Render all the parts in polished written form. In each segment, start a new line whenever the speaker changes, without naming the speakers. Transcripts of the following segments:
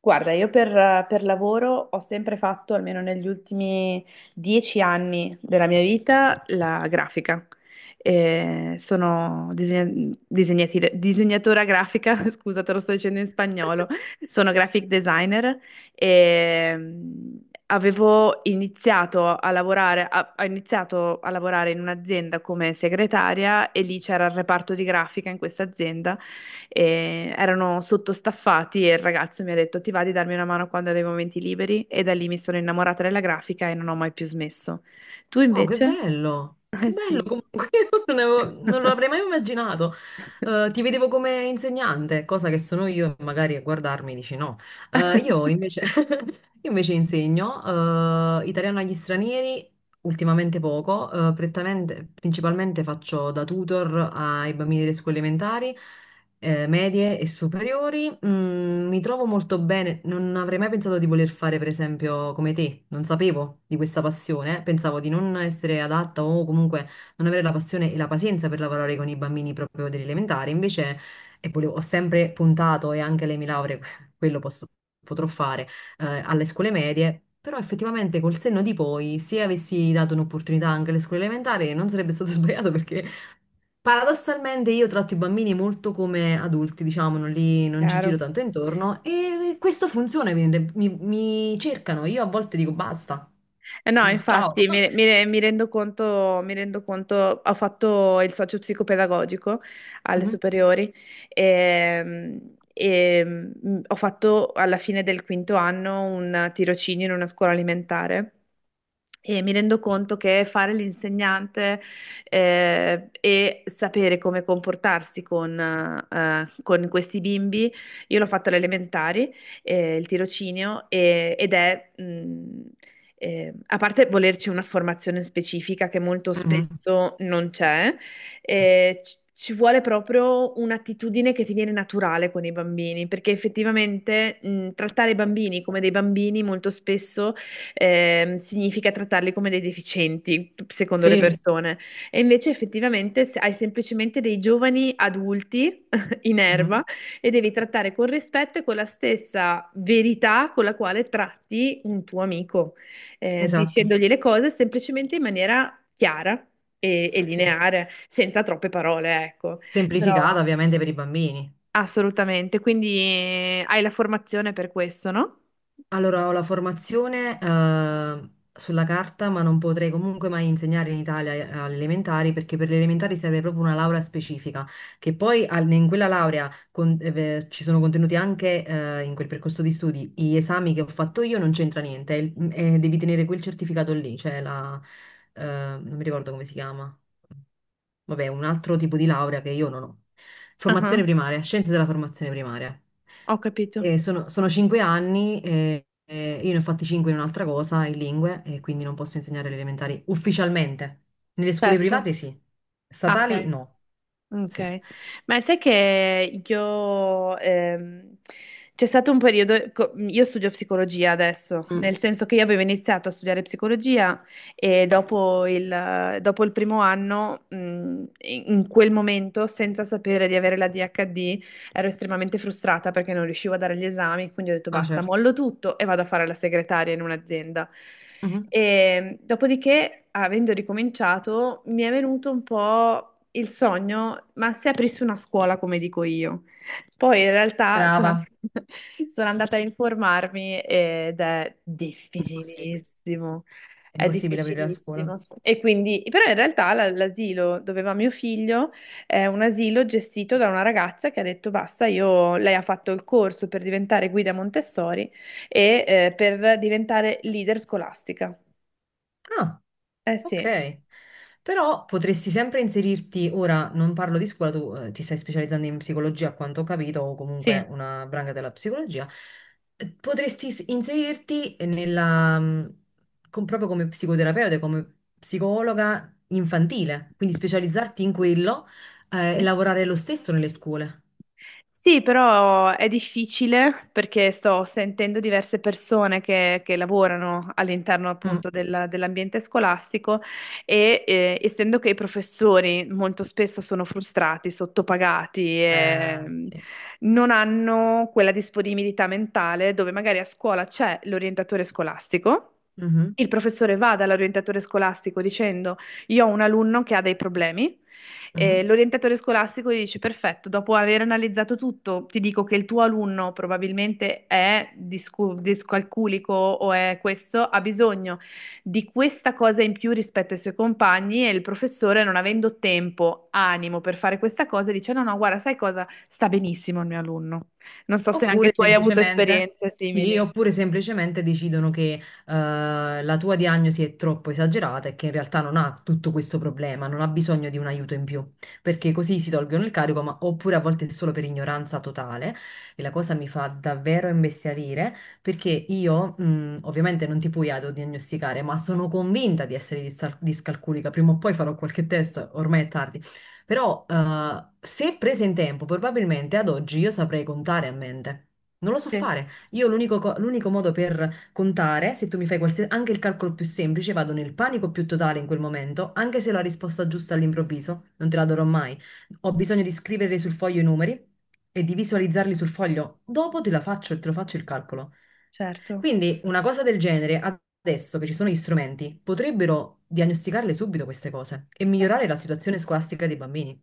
Guarda, io per lavoro ho sempre fatto, almeno negli ultimi 10 anni della mia vita, la grafica. Sono disegnatora grafica, scusa, te lo sto dicendo in spagnolo, sono graphic designer e avevo iniziato a lavorare, ho iniziato a lavorare in un'azienda come segretaria e lì c'era il reparto di grafica in questa azienda e erano sottostaffati e il ragazzo mi ha detto ti va di darmi una mano quando ho dei momenti liberi e da lì mi sono innamorata della grafica e non ho mai più smesso. Tu
Wow, che
invece?
bello! Che
Eh
bello
sì.
comunque, io non lo avrei mai immaginato. Ti vedevo come insegnante, cosa che sono io, e magari a guardarmi dici no. Io invece, io invece insegno italiano agli stranieri, ultimamente poco, principalmente faccio da tutor ai bambini delle scuole elementari, medie e superiori, mi trovo molto bene. Non avrei mai pensato di voler fare, per esempio, come te. Non sapevo di questa passione. Pensavo di non essere adatta o comunque non avere la passione e la pazienza per lavorare con i bambini proprio dell'elementare. Invece, ho sempre puntato, e anche le mie lauree, quello posso- potrò fare, alle scuole medie. Però effettivamente col senno di poi, se avessi dato un'opportunità anche alle scuole elementari, non sarebbe stato sbagliato perché paradossalmente io tratto i bambini molto come adulti, diciamo, non ci giro
Chiaro.
tanto intorno e questo funziona, mi cercano, io a volte dico basta.
Eh no,
Mm, ciao.
infatti, mi rendo conto, ho fatto il socio psicopedagogico alle
Mhm,
superiori e, ho fatto alla fine del quinto anno un tirocinio in una scuola alimentare. E mi rendo conto che fare l'insegnante, e sapere come comportarsi con questi bimbi, io l'ho fatto alle elementari, il tirocinio, ed è, a parte volerci una formazione specifica che molto
mhm.
spesso non c'è, ci vuole proprio un'attitudine che ti viene naturale con i bambini, perché effettivamente, trattare i bambini come dei bambini molto spesso significa trattarli come dei deficienti, secondo le
Sì,
persone. E invece effettivamente hai semplicemente dei giovani adulti in
mhm.
erba e devi trattare con rispetto e con la stessa verità con la quale tratti un tuo amico,
Esatto,
dicendogli le cose semplicemente in maniera chiara e
sì.
lineare, senza troppe parole, ecco. Però
Semplificata ovviamente per i bambini.
assolutamente, quindi hai la formazione per questo, no?
Allora, ho la formazione sulla carta, ma non potrei comunque mai insegnare in Italia alle elementari perché per le elementari serve proprio una laurea specifica, che poi in quella laurea ci sono contenuti anche in quel percorso di studi. Gli esami che ho fatto io non c'entra niente, devi tenere quel certificato lì, cioè non mi ricordo come si chiama. Vabbè, un altro tipo di laurea che io non ho.
Ah,
Formazione primaria, scienze della formazione primaria.
ho capito,
E sono cinque anni, e io ne ho fatti cinque in un'altra cosa, in lingue, e quindi non posso insegnare le elementari ufficialmente. Nelle scuole
certo.
private sì,
Ah,
statali
ok,
no. Sì.
ok. Ma sai che io, c'è stato un periodo, io studio psicologia adesso,
Mm.
nel senso che io avevo iniziato a studiare psicologia e dopo il primo anno, in quel momento, senza sapere di avere la DHD, ero estremamente frustrata perché non riuscivo a dare gli esami, quindi ho detto
Ah,
basta,
certo.
mollo tutto e vado a fare la segretaria in un'azienda.
Mhm.
E dopodiché, avendo ricominciato, mi è venuto un po' il sogno, ma se aprissi una scuola, come dico io. Poi in realtà
Brava.
sono andata a informarmi ed è
Impossibile.
difficilissimo,
È
è
impossibile aprire la scuola.
difficilissimo. E quindi, però in realtà l'asilo dove va mio figlio è un asilo gestito da una ragazza che ha detto basta, io, lei ha fatto il corso per diventare guida Montessori e, per diventare leader scolastica.
Ah.
Eh sì.
Ok, però potresti sempre inserirti, ora non parlo di scuola, tu ti stai specializzando in psicologia a quanto ho capito, o
Sì.
comunque una branca della psicologia, potresti inserirti nella, proprio come psicoterapeuta, come psicologa infantile, quindi specializzarti in quello e
Sì.
lavorare lo stesso nelle scuole.
Sì, però è difficile perché sto sentendo diverse persone che lavorano all'interno
Mm.
appunto dell'ambiente scolastico e, essendo che i professori molto spesso sono frustrati, sottopagati e
Sì.
non hanno quella disponibilità mentale dove magari a scuola c'è l'orientatore scolastico.
Mhm,
Il professore va dall'orientatore scolastico dicendo: io ho un alunno che ha dei problemi.
mhm.
L'orientatore scolastico gli dice: Perfetto, dopo aver analizzato tutto, ti dico che il tuo alunno probabilmente è discalculico o è questo, ha bisogno di questa cosa in più rispetto ai suoi compagni. E il professore, non avendo tempo, animo per fare questa cosa, dice: No, no, guarda, sai cosa? Sta benissimo il mio alunno. Non so se anche
Oppure
tu hai avuto
semplicemente,
esperienze
sì,
simili.
oppure semplicemente decidono che la tua diagnosi è troppo esagerata e che in realtà non ha tutto questo problema, non ha bisogno di un aiuto in più, perché così si tolgono il carico, ma oppure a volte è solo per ignoranza totale e la cosa mi fa davvero imbestialire perché io, ovviamente non ti puoi autodiagnosticare, ma sono convinta di essere discalculica, prima o poi farò qualche test, ormai è tardi. Però se prese in tempo, probabilmente ad oggi io saprei contare a mente. Non lo so
Sì,
fare. Io l'unico modo per contare, se tu mi fai qualsiasi, anche il calcolo più semplice, vado nel panico più totale in quel momento, anche se ho la risposta giusta all'improvviso, non te la darò mai. Ho bisogno di scrivere sul foglio i numeri e di visualizzarli sul foglio. Dopo te la faccio, te lo faccio il calcolo.
certo.
Quindi una cosa del genere, adesso che ci sono gli strumenti, potrebbero diagnosticarle subito queste cose e
Eh sì.
migliorare la situazione scolastica dei bambini.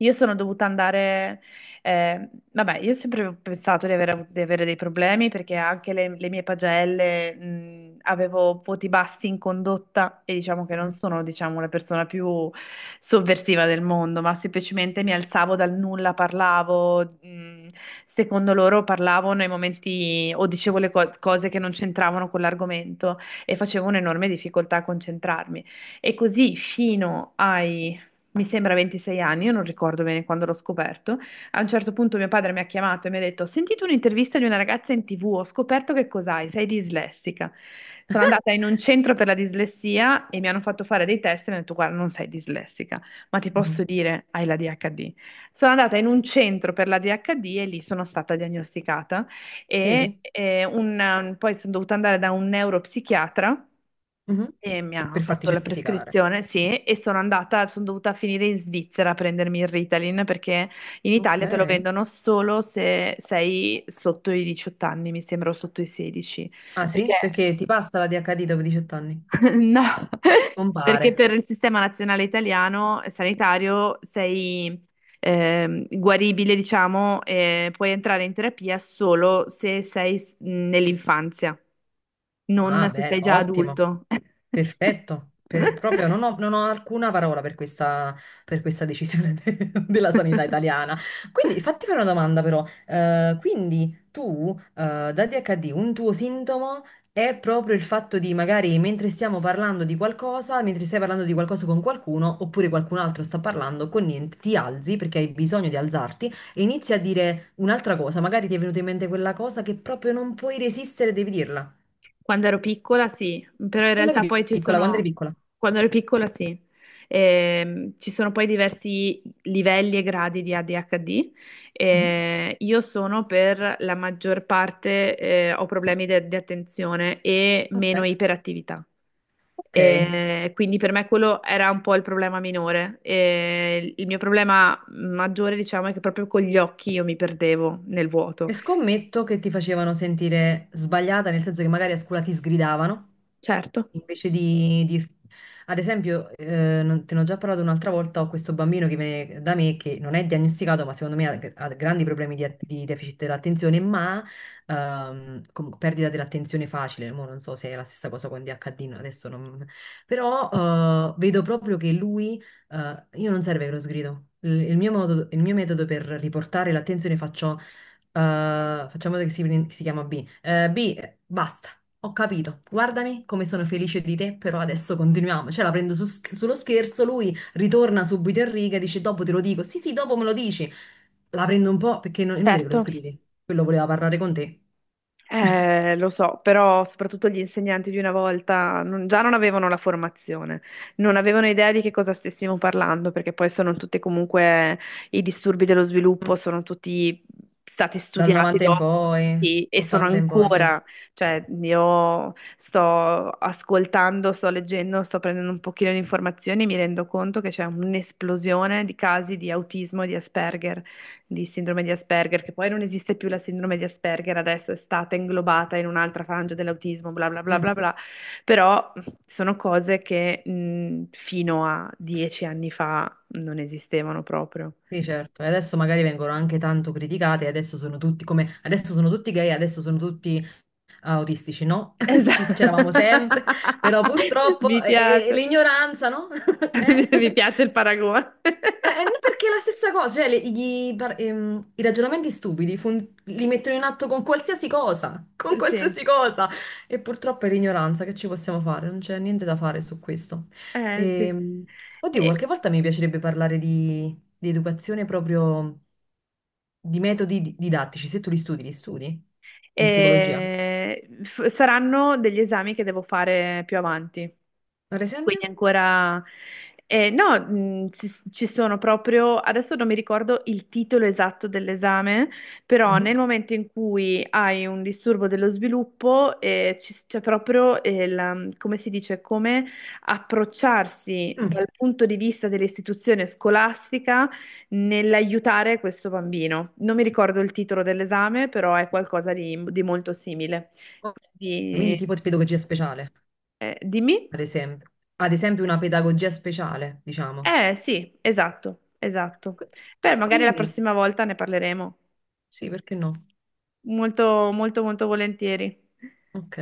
Io sono dovuta andare, vabbè, io ho sempre pensato di avere, di avere dei problemi perché anche le mie pagelle, avevo voti bassi in condotta e diciamo che non
Mhm,
sono, diciamo, la persona più sovversiva del mondo, ma semplicemente mi alzavo dal nulla, parlavo, secondo loro parlavo nei momenti o dicevo cose che non c'entravano con l'argomento e facevo un'enorme difficoltà a concentrarmi. E così fino ai, mi sembra, 26 anni, io non ricordo bene quando l'ho scoperto. A un certo punto mio padre mi ha chiamato e mi ha detto: Ho sentito un'intervista di una ragazza in TV, ho scoperto che cos'hai, sei dislessica. Sono andata in un centro per la dislessia e mi hanno fatto fare dei test e mi hanno detto: Guarda, non sei dislessica, ma ti
mhm.
posso dire, hai la DHD. Sono andata in un centro per la DHD e lì sono stata diagnosticata e,
Vedi?
poi sono dovuta andare da un neuropsichiatra
Mhm.
e mi ha
Per farti
fatto la
certificare.
prescrizione, sì, e sono andata, sono dovuta finire in Svizzera a prendermi il Ritalin perché in
Mhm. Ok.
Italia te lo vendono solo se sei sotto i 18 anni, mi sembra, o sotto i 16,
Ah
perché
sì? Perché ti passa la DHD dopo 18 anni?
no, perché
Compare.
per il sistema nazionale italiano, sanitario sei, guaribile, diciamo, e puoi entrare in terapia solo se sei nell'infanzia, non
Ah,
se
bene,
sei già
ottimo,
adulto.
perfetto. Proprio non ho alcuna parola per questa decisione de- della sanità italiana. Quindi fatti fare una domanda però. Quindi tu, da DHD, un tuo sintomo è proprio il fatto di magari mentre stiamo parlando di qualcosa, mentre stai parlando di qualcosa con qualcuno, oppure qualcun altro sta parlando con niente, ti alzi perché hai bisogno di alzarti e inizi a dire un'altra cosa. Magari ti è venuta in mente quella cosa che proprio non puoi resistere, devi dirla.
Quando ero piccola sì, però in
Quando
realtà
eri
poi ci
piccola, quando eri
sono,
piccola.
quando ero piccola sì. Ci sono poi diversi livelli e gradi di ADHD.
Mhm.
Io sono per la maggior parte, ho problemi di attenzione e
Ok,
meno iperattività.
ok.
Quindi per me quello era un po' il problema minore. Il mio problema maggiore, diciamo, è che proprio con gli occhi io mi perdevo nel
E
vuoto.
scommetto che ti facevano sentire sbagliata, nel senso che magari a scuola ti sgridavano,
Certo,
invece di dirti... Ad esempio, te ne ho già parlato un'altra volta, ho questo bambino che viene da me che non è diagnosticato, ma secondo me ha grandi problemi di deficit dell'attenzione, ma perdita dell'attenzione facile. Mo non so se è la stessa cosa con DHD, no, adesso non... Però vedo proprio che lui... Io non serve che lo sgrido. Il mio metodo per riportare l'attenzione faccio facciamo che si chiama B. B, basta, ho capito. Guardami come sono felice di te, però adesso continuiamo. Cioè, la prendo sullo scherzo, lui ritorna subito in riga e dice: Dopo te lo dico. Sì, sì, dopo me lo dici. La prendo un po' perché è inutile che lo
certo.
sgridi. Quello voleva parlare con te.
Lo so, però soprattutto gli insegnanti di una volta, già non avevano la formazione, non avevano idea di che cosa stessimo parlando, perché poi sono tutti comunque i disturbi dello
Mm,
sviluppo, sono tutti stati
dal
studiati
90 in
dopo.
poi,
Sì, e sono
80 in poi, sì.
ancora, cioè io sto ascoltando, sto leggendo, sto prendendo un pochino di informazioni e mi rendo conto che c'è un'esplosione di casi di autismo e di Asperger, di sindrome di Asperger, che poi non esiste più la sindrome di Asperger, adesso è stata inglobata in un'altra frangia dell'autismo, bla bla bla
Mhm.
bla bla, però sono cose che, fino a 10 anni fa non esistevano proprio.
Sì, certo. E adesso magari vengono anche tanto criticate, adesso sono tutti come adesso sono tutti gay, adesso sono tutti autistici no, ci
Esatto.
c'eravamo sempre, però purtroppo
Mi piace,
l'ignoranza, no?
mi
Eh?
piace il paragone.
No, perché è la stessa cosa, cioè i ragionamenti stupidi li mettono in atto con qualsiasi cosa, con
Sì,
qualsiasi cosa. E purtroppo è l'ignoranza, che ci possiamo fare? Non c'è niente da fare su questo.
sì.
Ehm, oddio, qualche
E-
volta mi piacerebbe parlare di educazione proprio di metodi didattici. Se tu li studi, li studi? In psicologia,
saranno degli esami che devo fare più avanti.
ad
Quindi
esempio?
ancora... no, ci sono proprio... Adesso non mi ricordo il titolo esatto dell'esame, però
Mm-hmm.
nel momento in cui hai un disturbo dello sviluppo, c'è proprio, come si dice, come approcciarsi
Mm,
dal punto di vista dell'istituzione scolastica nell'aiutare questo bambino. Non mi ricordo il titolo dell'esame, però è qualcosa di molto simile.
ok. Quindi
Quindi,
tipo di pedagogia speciale,
dimmi.
ad esempio. Ad esempio una pedagogia speciale, diciamo.
Eh sì, esatto, esatto.
Qu-
Beh, magari la
Quindi,
prossima volta ne parleremo.
sì, perché no?
Molto, molto, molto volentieri.
Ok.